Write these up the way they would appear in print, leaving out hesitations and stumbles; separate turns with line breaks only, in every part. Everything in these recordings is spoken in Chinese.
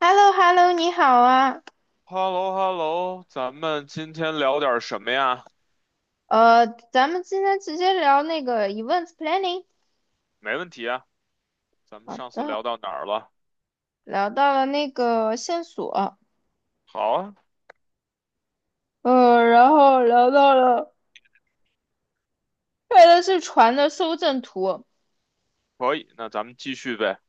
h e l l o h e l l o 你好啊，
h e l l o h e l l o 咱们今天聊点什么呀？
咱们今天直接聊那个 events planning。
没问题啊，咱们
好
上次
的，
聊到哪儿了？
聊到了那个线索，
好啊，
然后聊到了拍的是船的搜证图，
可以，那咱们继续呗。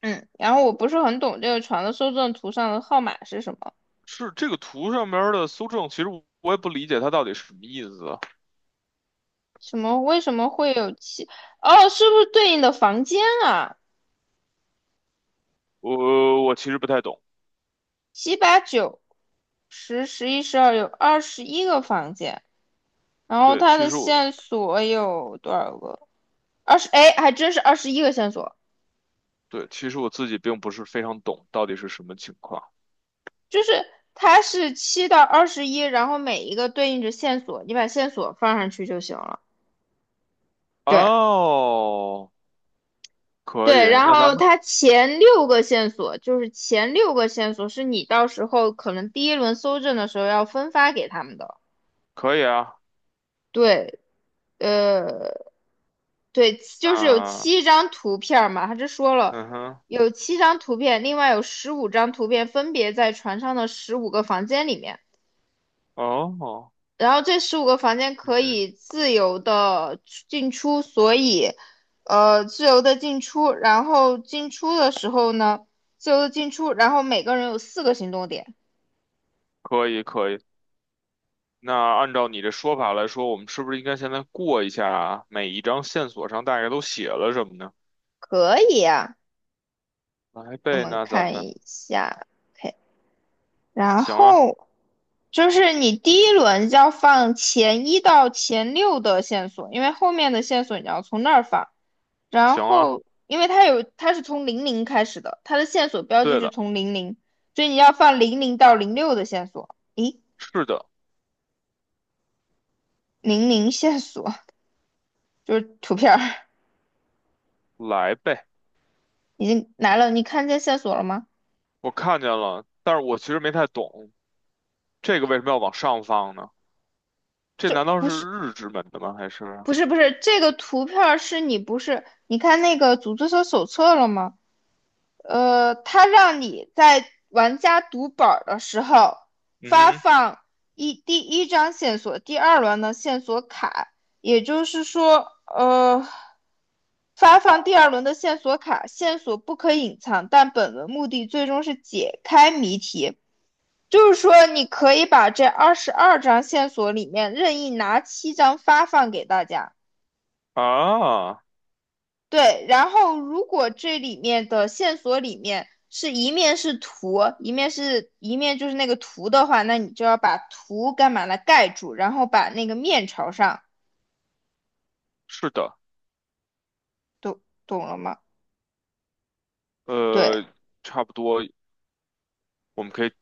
嗯，然后我不是很懂这个船的搜证图上的号码是什么，
是这个图上面儿的搜证，其实我也不理解它到底什么意思啊。
为什么会有七？哦，是不是对应的房间啊？
我其实不太懂。
七八九十十一十二有21个房间，然后
对，
它
其
的
实我
线索有多少个？二十，哎，还真是21个线索，
对，其实我自己并不是非常懂到底是什么情况。
就是它是七到二十一，然后每一个对应着线索，你把线索放上去就行了。对
哦，可以，
对，然
那咱
后
们
它前六个线索是你到时候可能第一轮搜证的时候要分发给他们的。
可以啊。
对，呃，对，就是有七
那
张图片嘛，他这说了。
嗯哼，
有七张图片，另外有15张图片分别在船上的十五个房间里面。
哦，
然后这十五个房间可以自由的进出，所以，自由的进出。然后进出的时候呢，自由的进出，然后每个人有4个行动点，
可以可以。那按照你的说法来说，我们是不是应该现在过一下啊每一张线索上大概都写了什么呢？
可以啊。
来
我
呗，
们
那咱
看
们
一下，OK 然
行啊，
后就是你第一轮要放前一到前六的线索，因为后面的线索你要从那儿放。然
行啊，
后，因为它是从零零开始的，它的线索标记
对
是
的，
从零零，所以你要放零零到零六的线索。咦，
是的，
00线索就是图片儿，
来呗。
已经来了，你看见线索了吗？
我看见了，但是我其实没太懂这个为什么要往上放呢？这
这
难道是日之门的吗？还是？
不是这个图片儿是你不是你看那个组织者手册了吗？它让你在玩家读本儿的时候发
嗯
放第一张线索、第二轮的线索卡，也就是说，发放第二轮的线索卡，线索不可隐藏，但本轮目的最终是解开谜题。就是说，你可以把这二十二张线索里面任意拿七张发放给大家。
哼，啊，
对，然后如果这里面的线索里面是一面是图，一面就是那个图的话，那你就要把图干嘛来盖住，然后把那个面朝上，
是的，
懂懂了吗？对
呃，差不多，我们可以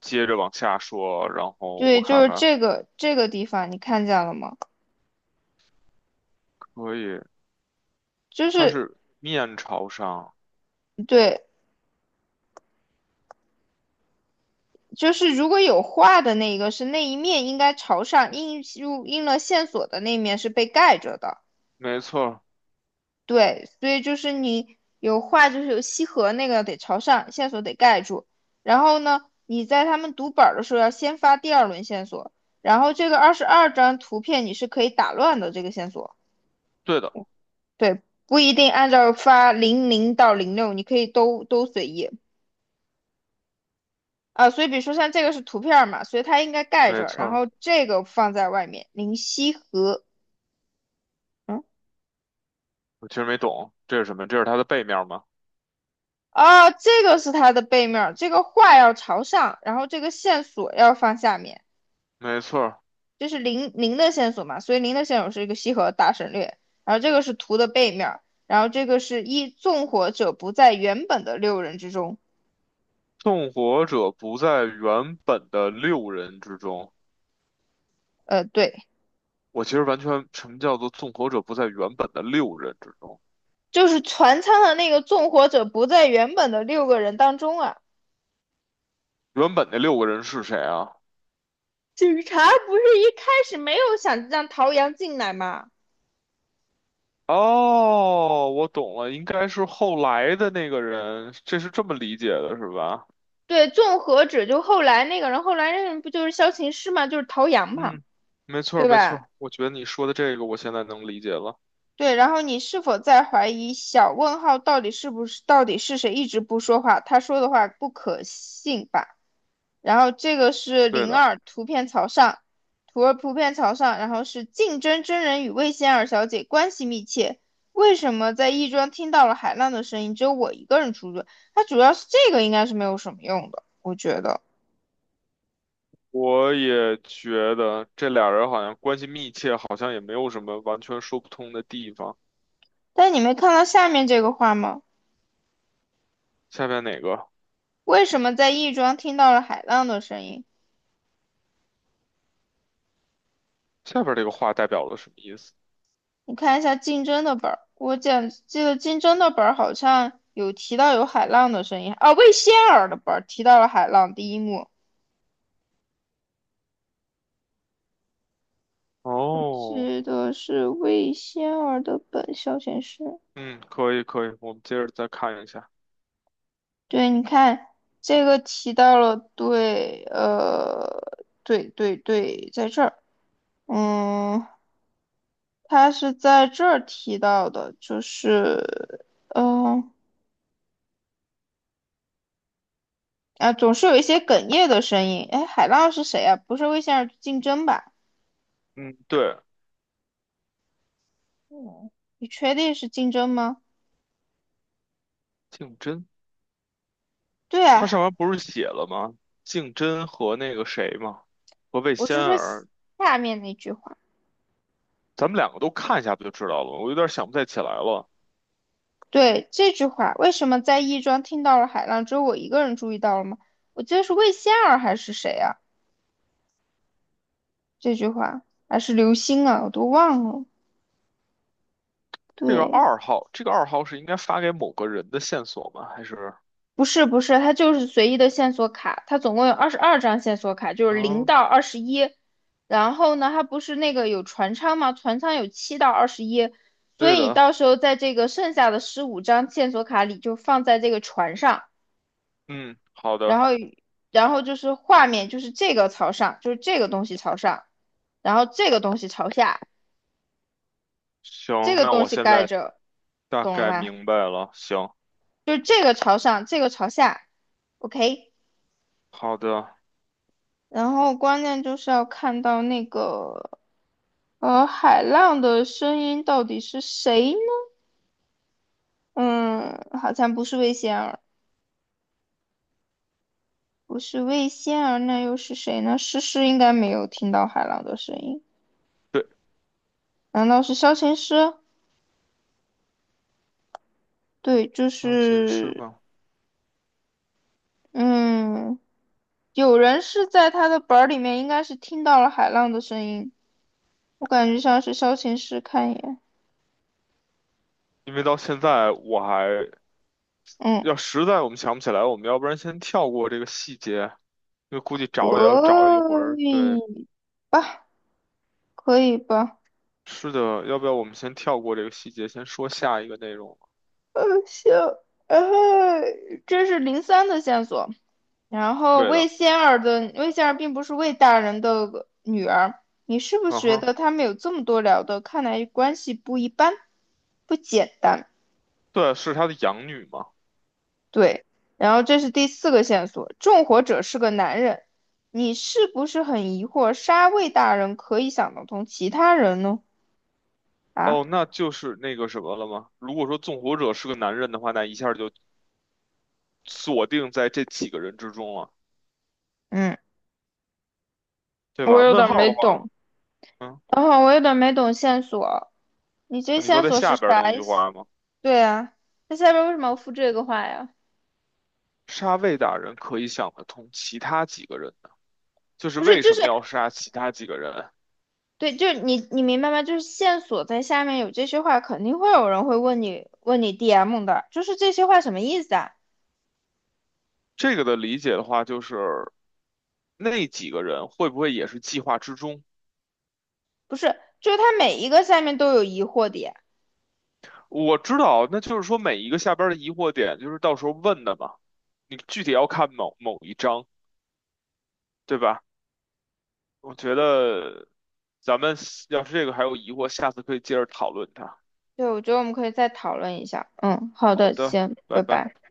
接着往下说，然后我
对，就
看
是
看，
这个地方，你看见了吗？
可以，
就
它
是
是面朝上，
对，就是如果有画的那一个是那一面应该朝上，印入印了线索的那一面是被盖着的。
没错，
对，所以就是你有画，就是有西河那个得朝上，线索得盖住。然后呢，你在他们读本儿的时候要先发第二轮线索，然后这个22张图片你是可以打乱的这个线索，
对的。
对，不一定按照发零零到零六，你可以都随意啊。所以比如说像这个是图片儿嘛，所以它应该盖
没
着，
错
然
儿，
后这个放在外面，零西河。嗯，
我其实没懂这是什么，这是它的背面吗？
啊，这个是它的背面儿，这个画要朝上，然后这个线索要放下面。
没错儿，
这是零零的线索嘛，所以零的线索是一个西河大省略，然后这个是图的背面然后这个是纵火者不在原本的6人之中，
纵火者不在原本的六人之中。
对，
我其实完全，什么叫做纵火者不在原本的六人之中？
就是船舱的那个纵火者不在原本的6个人当中啊。
原本那六个人是谁啊？
警察不是一开始没有想让陶阳进来吗？
哦，我懂了，应该是后来的那个人，这是这么理解的，是吧？
对，纵火者就后来那个人，后来那个人不就是萧琴师嘛，就是陶阳嘛，
嗯，没错儿，
对
没错
吧？
儿，我觉得你说的这个，我现在能理解了。
对，然后你是否在怀疑小问号到底是谁一直不说话？他说的话不可信吧？然后这个是
对
零
的。
二图片朝上，图2图片朝上，然后是竞争真人与魏仙儿小姐关系密切，为什么在亦庄听到了海浪的声音，只有我一个人出去？它主要是这个应该是没有什么用的，我觉得。
我也觉得这俩人好像关系密切，好像也没有什么完全说不通的地方。
但你没看到下面这个话吗？
下面哪个？
为什么在亦庄听到了海浪的声音？
下边这个话代表了什么意思？
你看一下竞争的本儿，我讲记得竞争的本儿好像有提到有海浪的声音啊，魏仙儿的本儿提到了海浪第一幕，
哦，
是的是魏仙儿的本消遣室。
嗯，可以可以，我们接着再看一下。
对，你看这个提到了，对，对对对，在这儿，嗯，他是在这儿提到的，就是，总是有一些哽咽的声音。哎，海浪是谁啊？不是魏仙儿竞争吧？
嗯，对，
你确定是竞争吗？
竞争，
对啊，
他上面不是写了吗？竞争和那个谁吗？和魏
我
仙
是说
儿，
下面那句话。
咱们两个都看一下不就知道了吗？我有点想不太起来了。
对，这句话，为什么在亦庄听到了海浪，只有我一个人注意到了吗？我记得是魏仙儿还是谁啊？这句话还是刘星啊，我都忘了。
这个
对，
二号，这个二号是应该发给某个人的线索吗？还是？
不是不是，它就是随意的线索卡，它总共有22张线索卡，就是零
哦，
到二十一。然后呢，它不是那个有船舱吗？船舱有七到二十一，所
对
以你
的，
到时候在这个剩下的15张线索卡里就放在这个船上，
嗯，好
然
的。
后就是画面就是这个朝上，就是这个东西朝上，然后这个东西朝下，这
行，
个
那
东
我
西
现
盖
在
着，
大
懂了
概
吗？
明白了。行，
就是这个朝上，这个朝下，OK。
好的，
然后关键就是要看到那个海浪的声音到底是谁呢？嗯，好像不是魏仙儿，不是魏仙儿，那又是谁呢？诗诗应该没有听到海浪的声音，
对，
难道是萧琴师？对，就
钢琴师
是
吧，
嗯，有人是在他的本儿里面应该是听到了海浪的声音，我感觉像是萧琴师，看一眼，
因为到现在我还
嗯，
要实在我们想不起来，我们要不然先跳过这个细节，因为估计找也要找一会
可
儿。对，
以吧，可以吧。
是的，要不要我们先跳过这个细节，先说下一个内容？
行，然后这是03的线索。然后
对的，
魏仙儿并不是魏大人的女儿，你是不是
嗯
觉
哼，
得他们有这么多聊的？看来关系不一般，不简单。
对，是他的养女嘛？
对，然后这是第四个线索，纵火者是个男人，你是不是很疑惑杀魏大人可以想得通，其他人呢？啊，
哦，那就是那个什么了吗？如果说纵火者是个男人的话，那一下就锁定在这几个人之中了，
嗯，
对
我
吧？
有
问
点
号
没
的话。
懂，
嗯
等会儿我有点没懂线索，你这
你说
线
在
索是
下边的那
啥意
句
思？
话吗？
对啊，那下边为什么要附这个话呀？
杀魏大人可以想得通，其他几个人呢？就是
不是，
为
就
什
是
么要杀其他几个人？
对，就是你明白吗？就是线索在下面有这些话，肯定会有人会问你，问你 DM 的，就是这些话什么意思啊？
这个的理解的话，就是那几个人会不会也是计划之中？
不是，就是它每一个下面都有疑惑点。
我知道，那就是说每一个下边的疑惑点，就是到时候问的嘛。你具体要看某某一章，对吧？我觉得咱们要是这个还有疑惑，下次可以接着讨论它。
对，我觉得我们可以再讨论一下。嗯，好
好
的，
的，
行，
拜
拜
拜。
拜。